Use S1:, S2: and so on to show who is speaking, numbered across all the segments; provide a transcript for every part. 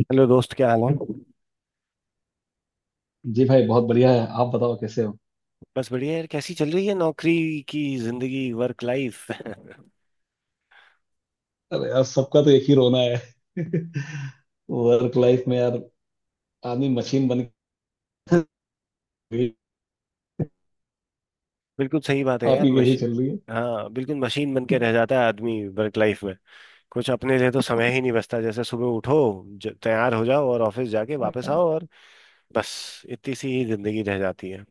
S1: Hello दोस्त, क्या हाल है?
S2: जी भाई, बहुत बढ़िया है। आप बताओ, कैसे हो?
S1: बस बढ़िया यार। कैसी चल रही है नौकरी की जिंदगी, वर्क लाइफ?
S2: अरे यार, सबका तो एक ही रोना है। वर्क लाइफ में यार, आदमी मशीन बन गई।
S1: बिल्कुल सही बात है यार,
S2: आपकी कैसी
S1: मशीन।
S2: चल रही है?
S1: हाँ, बिल्कुल मशीन बन के रह जाता है आदमी वर्क लाइफ में। कुछ अपने लिए तो समय ही नहीं बचता, जैसे सुबह उठो, तैयार हो जाओ और ऑफिस जाके वापस आओ, और बस इतनी सी ही जिंदगी रह जाती है।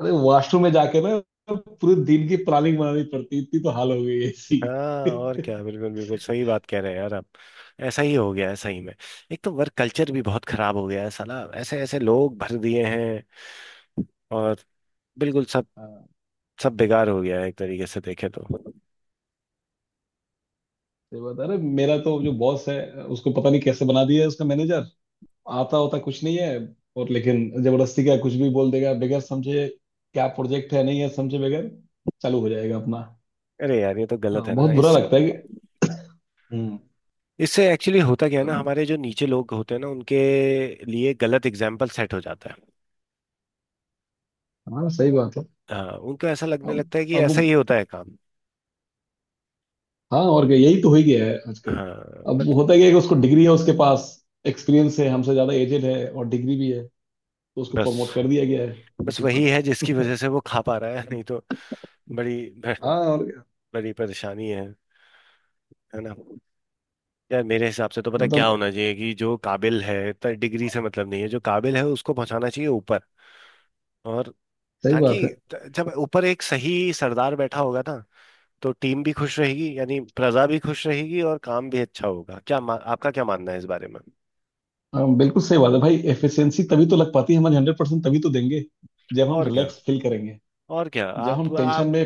S2: अरे वॉशरूम में जाके ना पूरे दिन की प्लानिंग बनानी पड़ती है, इतनी तो हाल हो गई है ऐसी।
S1: हाँ और क्या, बिल्कुल बिल्कुल सही बात कह रहे हैं यार आप। ऐसा ही हो गया है सही में। एक तो वर्क कल्चर भी बहुत खराब हो गया है साला, ऐसे ऐसे लोग भर दिए हैं, और बिल्कुल
S2: हाँ
S1: सब बेकार हो गया है एक तरीके से देखे तो।
S2: सही बात है। अरे मेरा तो जो बॉस है, उसको पता नहीं कैसे बना दिया है उसका मैनेजर। आता होता कुछ नहीं है, और लेकिन जबरदस्ती का कुछ भी बोल देगा बगैर समझे। क्या प्रोजेक्ट है नहीं है समझे बगैर चालू हो जाएगा अपना।
S1: अरे यार, ये तो
S2: हाँ,
S1: गलत है
S2: बहुत
S1: ना
S2: बुरा
S1: इस।
S2: लगता है। हम्म।
S1: इससे एक्चुअली होता क्या है ना,
S2: अब।
S1: हमारे जो नीचे लोग होते हैं ना उनके लिए गलत एग्जाम्पल सेट हो जाता है।
S2: हाँ सही बात है।
S1: हाँ, उनको ऐसा लगने
S2: अब
S1: लगता है कि ऐसा
S2: अब
S1: ही होता है काम।
S2: हाँ और क्या, यही तो हो ही गया है आजकल।
S1: हाँ
S2: अब
S1: बट
S2: वो होता क्या है कि उसको डिग्री है, उसके पास एक्सपीरियंस है हमसे ज्यादा, एजेड है और डिग्री भी है, तो उसको प्रमोट
S1: बस
S2: कर दिया गया है उस
S1: बस वही
S2: ऊपर।
S1: है जिसकी वजह से वो खा पा रहा है, नहीं तो बड़ी
S2: हाँ और क्या।
S1: बड़ी परेशानी है ना। यार मेरे हिसाब से तो पता है क्या
S2: मतलब,
S1: होना चाहिए, कि जो काबिल है, डिग्री से मतलब नहीं है, जो काबिल है उसको पहुंचाना चाहिए ऊपर। और
S2: सही बात
S1: ताकि
S2: है।
S1: जब ऊपर एक सही सरदार बैठा होगा ना, तो टीम भी खुश रहेगी, यानी प्रजा भी खुश रहेगी और काम भी अच्छा होगा। क्या आपका क्या मानना है इस बारे में?
S2: हाँ बिल्कुल सही बात है भाई, एफिशिएंसी तभी तो लग पाती है हमारी। 100% तभी तो देंगे जब हम
S1: और क्या,
S2: रिलैक्स फील करेंगे।
S1: और क्या
S2: जब
S1: आप
S2: हम
S1: आप
S2: टेंशन में।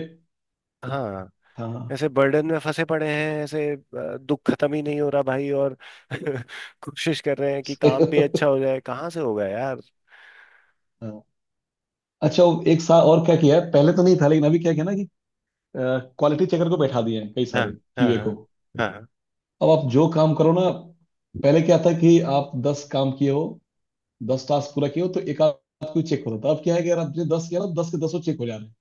S1: हाँ,
S2: हाँ।
S1: ऐसे बर्डन में फंसे पड़े हैं ऐसे दुख खत्म ही नहीं हो रहा भाई और कोशिश कर रहे हैं कि काम भी अच्छा हो जाए, कहाँ से होगा यार।
S2: हाँ अच्छा, वो 1 साल और क्या किया है, पहले तो नहीं था लेकिन अभी क्या किया ना कि क्वालिटी चेकर को बैठा दिए हैं कई
S1: हाँ,
S2: सारे।
S1: हाँ,
S2: QA
S1: हाँ,
S2: को।
S1: हाँ,
S2: अब आप जो काम करो ना, पहले क्या था कि आप 10 काम किए हो, 10 टास्क पूरा किए हो तो एक आध कोई चेक होता था। अब क्या है कि यार, आपने 10 किया ना, 10 के दसों चेक हो जा रहे हैं।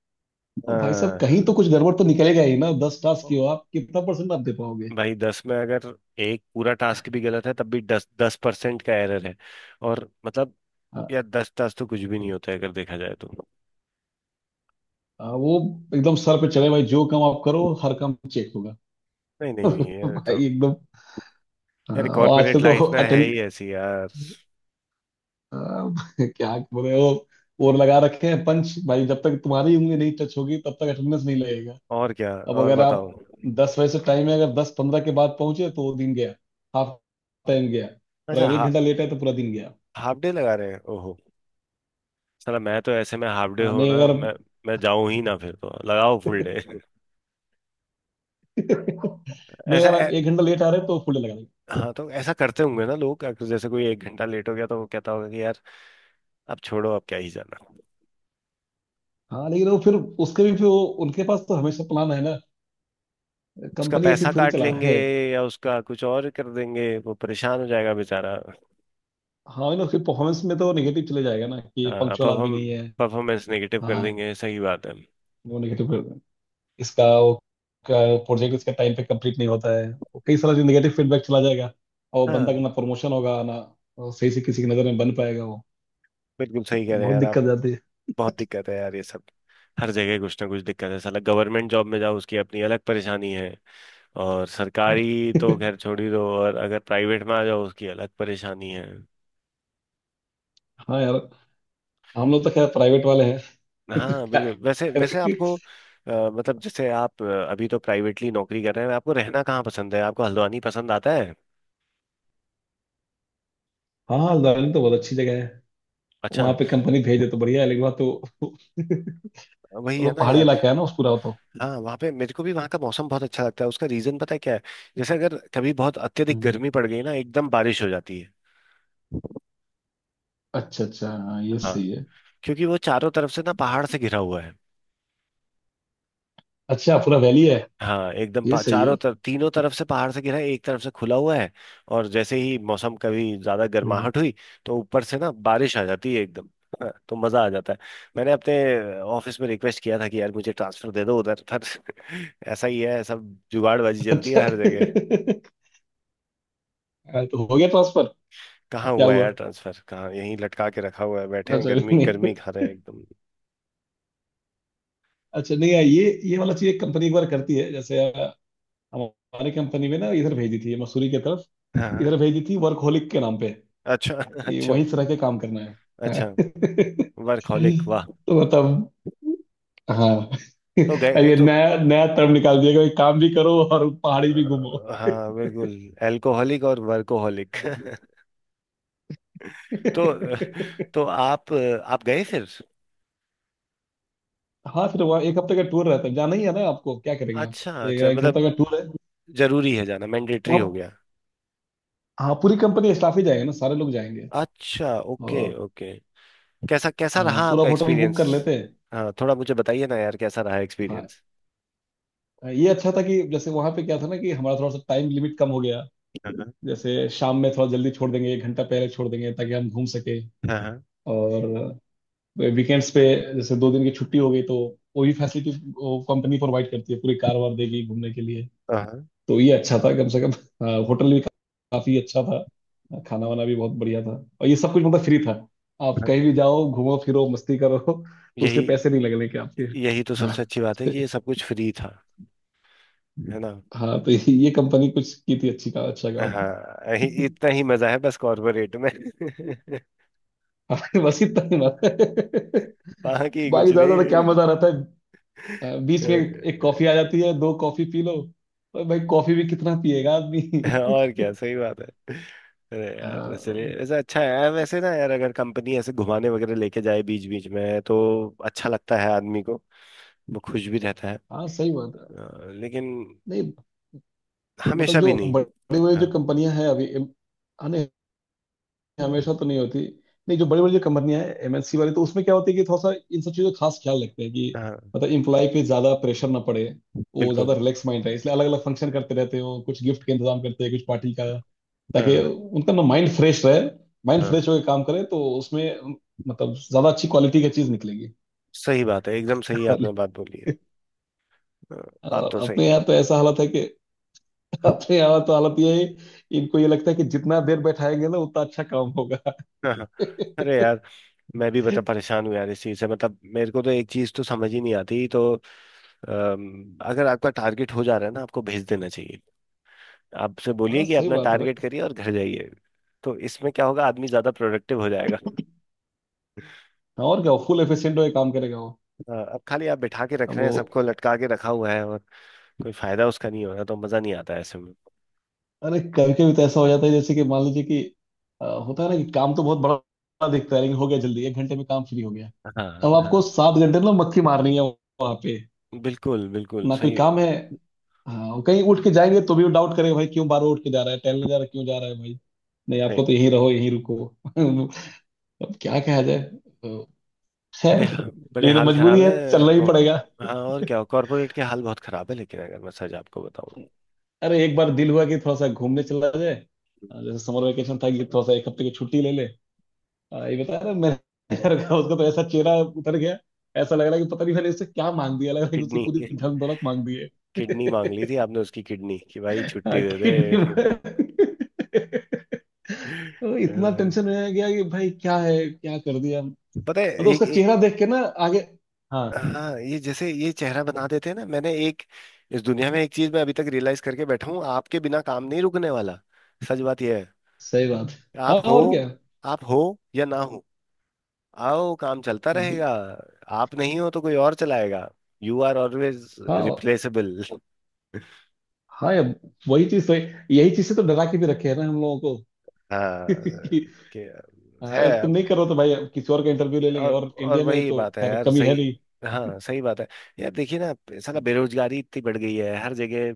S2: अब भाई साहब, कहीं तो कुछ गड़बड़ तो निकलेगा ही ना। 10 टास्क किए
S1: हाँ।
S2: हो आप, कितना परसेंट आप दे पाओगे?
S1: भाई 10 में अगर एक पूरा टास्क भी गलत है, तब भी 10-10% का एरर है। और मतलब
S2: हाँ।
S1: यार 10 टास्क तो कुछ भी नहीं होता है अगर देखा जाए तो।
S2: हाँ, वो एकदम सर पे चढ़े भाई, जो काम आप करो हर काम चेक होगा।
S1: नहीं, नहीं, नहीं, यार तो
S2: भाई एकदम।
S1: यार
S2: हाँ, और
S1: कॉर्पोरेट
S2: आजकल तो।
S1: लाइफ ना है
S2: अटेंड
S1: ही ऐसी यार।
S2: क्या बोले वो? और लगा रखे हैं पंच भाई, जब तक तुम्हारी उंगली नहीं टच होगी तब तक अटेंडेंस नहीं लगेगा।
S1: और क्या,
S2: अब
S1: और
S2: अगर
S1: बताओ।
S2: आप 10 बजे से टाइम है, अगर 10:15 के बाद पहुंचे तो वो दिन गया। हाफ टाइम गया। और
S1: अच्छा,
S2: अगर एक घंटा लेट है तो पूरा दिन गया।
S1: हाफ डे लगा रहे हैं, ओहो। साला मैं तो ऐसे में हाफ डे
S2: हाँ,
S1: हो
S2: नहीं
S1: ना,
S2: अगर।
S1: मैं जाऊं ही ना, फिर तो लगाओ फुल डे।
S2: नहीं,
S1: ऐसा
S2: अगर आप 1 घंटा लेट आ रहे हैं तो फुल लगा देंगे।
S1: हाँ, तो ऐसा करते होंगे ना लोग, अगर जैसे कोई 1 घंटा लेट हो गया तो वो कहता होगा कि यार अब छोड़ो, अब क्या ही जाना।
S2: हाँ लेकिन वो फिर, उसके भी फिर वो, उनके पास तो हमेशा प्लान है ना।
S1: उसका
S2: कंपनी ऐसी
S1: पैसा
S2: थोड़ी
S1: काट
S2: चला
S1: लेंगे
S2: रहे हैं।
S1: या उसका कुछ और कर देंगे, वो परेशान हो जाएगा बेचारा।
S2: हाँ ना, फिर परफॉर्मेंस में तो नेगेटिव चले जाएगा ना कि ये
S1: हाँ,
S2: पंक्चुअल आदमी नहीं है।
S1: परफॉर्मेंस नेगेटिव कर
S2: हाँ,
S1: देंगे, सही बात है।
S2: वो नेगेटिव इसका, वो प्रोजेक्ट इसका टाइम पे कंप्लीट नहीं होता है, वो कई सारा निगेटिव फीडबैक चला जाएगा। और बंदा का
S1: हाँ,
S2: ना प्रमोशन होगा, ना वो सही से किसी की नज़र में बन पाएगा वो।
S1: बिल्कुल सही कह रहे हैं
S2: बहुत
S1: यार आप।
S2: दिक्कत जाती है।
S1: बहुत दिक्कत है यार ये सब। हर जगह कुछ ना कुछ दिक्कत है साला, गवर्नमेंट जॉब में जाओ उसकी अपनी अलग परेशानी है। और सरकारी तो खैर छोड़ ही दो, और अगर प्राइवेट में आ जाओ उसकी अलग परेशानी है।
S2: हाँ यार, हम लोग तो खैर प्राइवेट वाले हैं।
S1: हाँ बिल्कुल, वैसे वैसे आपको मतलब जैसे आप अभी तो प्राइवेटली नौकरी कर रहे हैं, आपको रहना कहाँ पसंद है? आपको हल्द्वानी पसंद आता है?
S2: हाँ, दार्जिलिंग तो बहुत अच्छी जगह है। वहाँ
S1: अच्छा।
S2: पे कंपनी भेजे तो बढ़िया है, लेकिन वहाँ तो वो
S1: वही है
S2: तो
S1: ना
S2: पहाड़ी
S1: यार।
S2: इलाका है ना उस पूरा वो तो।
S1: हाँ, वहाँ पे मेरे को भी वहाँ का मौसम बहुत अच्छा लगता है। उसका रीजन पता है क्या है? जैसे अगर कभी बहुत अत्यधिक
S2: हम्म।
S1: गर्मी पड़ गई ना एकदम बारिश हो जाती है।
S2: अच्छा अच्छा, हाँ ये
S1: हाँ,
S2: सही है।
S1: क्योंकि वो चारों तरफ से ना पहाड़ से घिरा हुआ है।
S2: अच्छा पूरा वैली है।
S1: हाँ, एकदम
S2: ये सही
S1: चारों
S2: है।
S1: तरफ, तीनों तरफ से पहाड़ से घिरा है, एक तरफ से खुला हुआ है। और जैसे ही मौसम कभी ज्यादा
S2: हम्म।
S1: गर्माहट हुई तो ऊपर से ना बारिश आ जाती है एकदम। हाँ, तो मजा आ जाता है। मैंने अपने ऑफिस में रिक्वेस्ट किया था कि यार मुझे ट्रांसफर दे दो उधर पर। ऐसा ही है, सब जुगाड़बाजी चलती है
S2: अच्छा।
S1: हर जगह।
S2: हाँ, तो हो गया ट्रांसफर?
S1: कहाँ
S2: क्या
S1: हुआ है
S2: हुआ?
S1: यार ट्रांसफर? कहाँ, यहीं लटका के रखा हुआ है, बैठे हैं
S2: अच्छा
S1: गर्मी गर्मी
S2: नहीं।
S1: खा रहे हैं एकदम।
S2: अच्छा नहीं यार, ये वाला चीज एक कंपनी एक बार करती है, जैसे हमारी कंपनी में ना इधर भेजी थी मसूरी की तरफ।
S1: हाँ।
S2: इधर भेजी थी वर्कहोलिक के नाम पे।
S1: अच्छा
S2: ये
S1: अच्छा
S2: वहीं से रह के काम करना
S1: अच्छा।
S2: है।
S1: वर्कहोलिक, वाह।
S2: तो मतलब। हाँ।
S1: तो
S2: अब
S1: गए
S2: ये
S1: तो
S2: नया नया टर्म निकाल दिया कि काम भी करो और पहाड़ी भी घूमो।
S1: हाँ बिल्कुल, एल्कोहलिक और वर्कोहलिक। तो तो आप गए फिर।
S2: हाँ, फिर वहाँ 1 हफ्ते का टूर रहता है, जाना ही है ना आपको, क्या करेंगे आप।
S1: अच्छा
S2: एक,
S1: अच्छा,
S2: एक हफ्ते का
S1: मतलब
S2: टूर है।
S1: जरूरी है जाना,
S2: तो
S1: मैंडेटरी हो
S2: आप।
S1: गया।
S2: हाँ, पूरी कंपनी स्टाफ ही जाएगा ना, सारे लोग जाएंगे।
S1: अच्छा, ओके
S2: और।
S1: ओके। कैसा कैसा रहा
S2: हाँ, पूरा
S1: आपका
S2: होटल बुक
S1: एक्सपीरियंस?
S2: कर लेते हैं।
S1: हाँ, थोड़ा मुझे बताइए ना यार, कैसा रहा
S2: हाँ,
S1: एक्सपीरियंस?
S2: ये अच्छा था कि जैसे वहां पे क्या था ना कि हमारा थोड़ा सा टाइम लिमिट कम हो गया।
S1: हाँ,
S2: जैसे शाम में थोड़ा जल्दी छोड़ देंगे, 1 घंटा पहले छोड़ देंगे, ताकि हम घूम सके।
S1: हाँ,
S2: और वीकेंड्स पे, जैसे 2 दिन की छुट्टी हो गई, तो वो भी फैसिलिटी वो कंपनी प्रोवाइड करती है, पूरी कार वार देगी घूमने के लिए।
S1: हाँ,
S2: तो ये अच्छा था कम से कम। हाँ, होटल भी काफी अच्छा था, खाना वाना भी बहुत बढ़िया था। और ये सब कुछ मतलब फ्री था, आप कहीं भी
S1: हाँ।
S2: जाओ घूमो फिरो मस्ती करो, तो उसके
S1: यही
S2: पैसे नहीं लगने के आपके।
S1: यही तो सबसे
S2: हाँ।
S1: अच्छी बात है कि ये सब कुछ फ्री था, है ना।
S2: हाँ, तो ये कंपनी कुछ की थी अच्छी का, अच्छा काम।
S1: हाँ, इतना ही मजा है बस कॉर्पोरेट में।
S2: हमारे बस इतना ही मजा।
S1: बाकी कुछ
S2: भाई, ज्यादा ज्यादा क्या
S1: नहीं
S2: मजा रहता है। बीच में एक कॉफी आ
S1: है।
S2: जाती है, 2 कॉफी पी लो। और भाई, कॉफी भी कितना पिएगा आदमी।
S1: और क्या, सही बात है। अरे यार चलिए,
S2: हाँ।
S1: ऐसा अच्छा है वैसे ना यार, अगर कंपनी ऐसे घुमाने वगैरह लेके जाए बीच बीच में, तो अच्छा लगता है आदमी को, वो खुश भी रहता है।
S2: हाँ सही बात है।
S1: लेकिन
S2: नहीं मतलब,
S1: हमेशा भी
S2: जो
S1: नहीं।
S2: बड़ी बड़ी जो
S1: हाँ,
S2: कंपनियां हैं अभी। हाँ नहीं, हमेशा तो नहीं होती। नहीं, जो बड़ी बड़ी जो कंपनियां हैं MNC वाली, तो उसमें क्या होती है कि थोड़ा सा इन सब चीज़ों का खास ख्याल रखते हैं कि
S1: हाँ
S2: मतलब, इम्प्लॉय पे ज्यादा प्रेशर ना पड़े, वो ज्यादा
S1: बिल्कुल।
S2: रिलैक्स माइंड रहे, इसलिए अलग अलग फंक्शन करते रहते हो, कुछ गिफ्ट का इंतजाम करते हैं कुछ पार्टी का, ताकि
S1: हाँ,
S2: उनका ना माइंड फ्रेश रहे। माइंड
S1: हाँ
S2: फ्रेश होकर काम करे तो उसमें मतलब ज्यादा अच्छी क्वालिटी की चीज निकलेगी।
S1: सही बात है, एकदम सही आपने बात बोली है। हाँ, बात
S2: और
S1: तो सही
S2: अपने
S1: है।
S2: यहाँ तो ऐसा हालत है कि, अपने यहाँ तो हालत ये है, इनको ये लगता है कि जितना देर बैठाएंगे ना, उतना अच्छा काम होगा।
S1: हाँ, अरे यार मैं भी बड़ा परेशान हूँ यार इस चीज से, मतलब मेरे को तो एक चीज तो समझ ही नहीं आती तो अगर आपका टारगेट हो जा रहा है ना, आपको भेज देना चाहिए। आपसे
S2: हाँ
S1: बोलिए कि
S2: सही
S1: अपना
S2: बात है
S1: टारगेट
S2: भाई।
S1: करिए और घर जाइए। तो इसमें क्या होगा, आदमी ज्यादा प्रोडक्टिव हो जाएगा।
S2: हाँ, और क्या, फुल एफिशिएंट होकर काम करेगा वो।
S1: हाँ, अब खाली आप बिठा के रख
S2: अब
S1: रहे हैं,
S2: वो।
S1: सबको लटका के रखा हुआ है और कोई फायदा उसका नहीं हो रहा, तो मजा नहीं आता है ऐसे में।
S2: अरे कभी कभी तो ऐसा हो जाता है, जैसे कि मान लीजिए कि होता है ना कि काम तो बहुत बड़ा दिखता है लेकिन हो गया जल्दी, 1 घंटे में काम फ्री हो गया।
S1: हाँ,
S2: अब आपको
S1: हाँ
S2: 7 घंटे ना मक्खी मारनी है वहां पे,
S1: बिल्कुल बिल्कुल
S2: ना कोई
S1: सही
S2: काम है। हाँ, और कहीं उठ के जाएंगे तो भी डाउट करेंगे भाई, क्यों बार उठ के जा रहा है, टहलने जा रहा है, क्यों जा रहा है भाई। नहीं, आपको
S1: सही।
S2: तो यहीं रहो यहीं रुको। अब क्या कहा जाए। तो खैर।
S1: बड़े बड़े
S2: लेकिन
S1: हाल
S2: मजबूरी
S1: खराब
S2: है,
S1: है
S2: चलना ही
S1: कौन।
S2: पड़ेगा।
S1: हाँ, और क्या, कॉर्पोरेट के हाल बहुत खराब है, लेकिन अगर मैं सच आपको बताऊं,
S2: अरे एक बार दिल हुआ कि थोड़ा सा घूमने चला जाए, जैसे समर वेकेशन था कि थोड़ा सा 1 हफ्ते की छुट्टी ले ले। ये बता रहा मेरे घर का। उसका तो ऐसा चेहरा उतर गया। ऐसा लग रहा है कि पता नहीं मैंने इससे क्या मांग दिया, लग रहा है कि उसकी
S1: किडनी
S2: पूरी धन दौलत मांग दी है।
S1: किडनी मांग ली थी आपने उसकी किडनी कि भाई
S2: हाँ,
S1: छुट्टी दे दे।
S2: किडनी में। इतना टेंशन में आ गया कि भाई क्या है, क्या कर दिया मतलब।
S1: पता है एक,
S2: उसका
S1: एक।
S2: चेहरा देख के ना। आगे। हाँ
S1: हाँ, ये जैसे ये चेहरा बना देते हैं ना, मैंने एक इस दुनिया में एक चीज मैं अभी तक रियलाइज करके बैठा हूँ, आपके बिना काम नहीं रुकने वाला। सच बात यह है।
S2: सही बात है।
S1: आप
S2: हाँ
S1: हो,
S2: और क्या।
S1: आप हो या ना हो, आओ काम चलता
S2: बिल-
S1: रहेगा। आप नहीं हो तो कोई और चलाएगा। यू आर ऑलवेज
S2: हाँ और।
S1: रिप्लेसेबल।
S2: हाँ यार, वही चीज सही, यही चीज से तो डरा के भी रखे हैं ना हम लोगों को।
S1: हाँ,
S2: कि।
S1: के
S2: हाँ,
S1: है।
S2: अगर तुम नहीं करो तो भाई किसी और का इंटरव्यू ले लेंगे,
S1: और
S2: और
S1: और
S2: इंडिया में
S1: वही
S2: तो
S1: बात है
S2: खैर
S1: यार,
S2: कमी
S1: सही।
S2: है।
S1: हाँ, सही बात है। यार देखिए ना, साला बेरोजगारी इतनी बढ़ गई है हर जगह,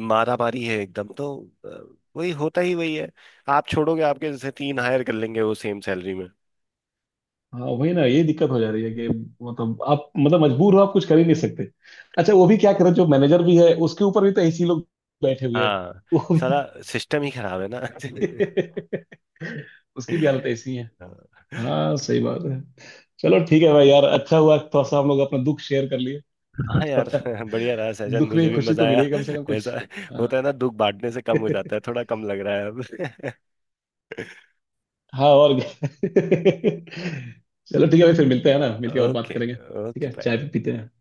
S1: मारामारी है एकदम तो अ, वही होता ही वही है, आप छोड़ोगे आपके जैसे तीन हायर कर लेंगे वो सेम सैलरी में।
S2: हाँ वही ना, ये दिक्कत हो जा रही है कि मतलब आप, मतलब मजबूर हो आप, कुछ कर ही नहीं सकते। अच्छा, वो भी क्या करें, जो मैनेजर भी है उसके ऊपर भी तो ऐसे ही लोग बैठे हुए हैं।
S1: हाँ,
S2: वो भी।
S1: साला सिस्टम ही खराब है ना।
S2: उसकी भी हालत ऐसी है। हाँ सही बात है। चलो ठीक है भाई यार, अच्छा हुआ थोड़ा सा हम लोग अपना दुख शेयर कर लिए।
S1: हाँ यार,
S2: थोड़ा
S1: बढ़िया रहा सहजन,
S2: दुख में
S1: मुझे
S2: ही
S1: भी
S2: खुशी
S1: मजा
S2: तो
S1: आया।
S2: मिलेगी कम से कम कुछ।
S1: ऐसा
S2: हाँ।
S1: होता है ना, दुख बांटने से कम हो जाता है, थोड़ा कम लग रहा है अब।
S2: हाँ और क्या। चलो ठीक है भाई, फिर मिलते हैं ना, मिलके और बात
S1: ओके,
S2: करेंगे, ठीक
S1: ओके,
S2: है
S1: बाय।
S2: चाय भी पीते हैं।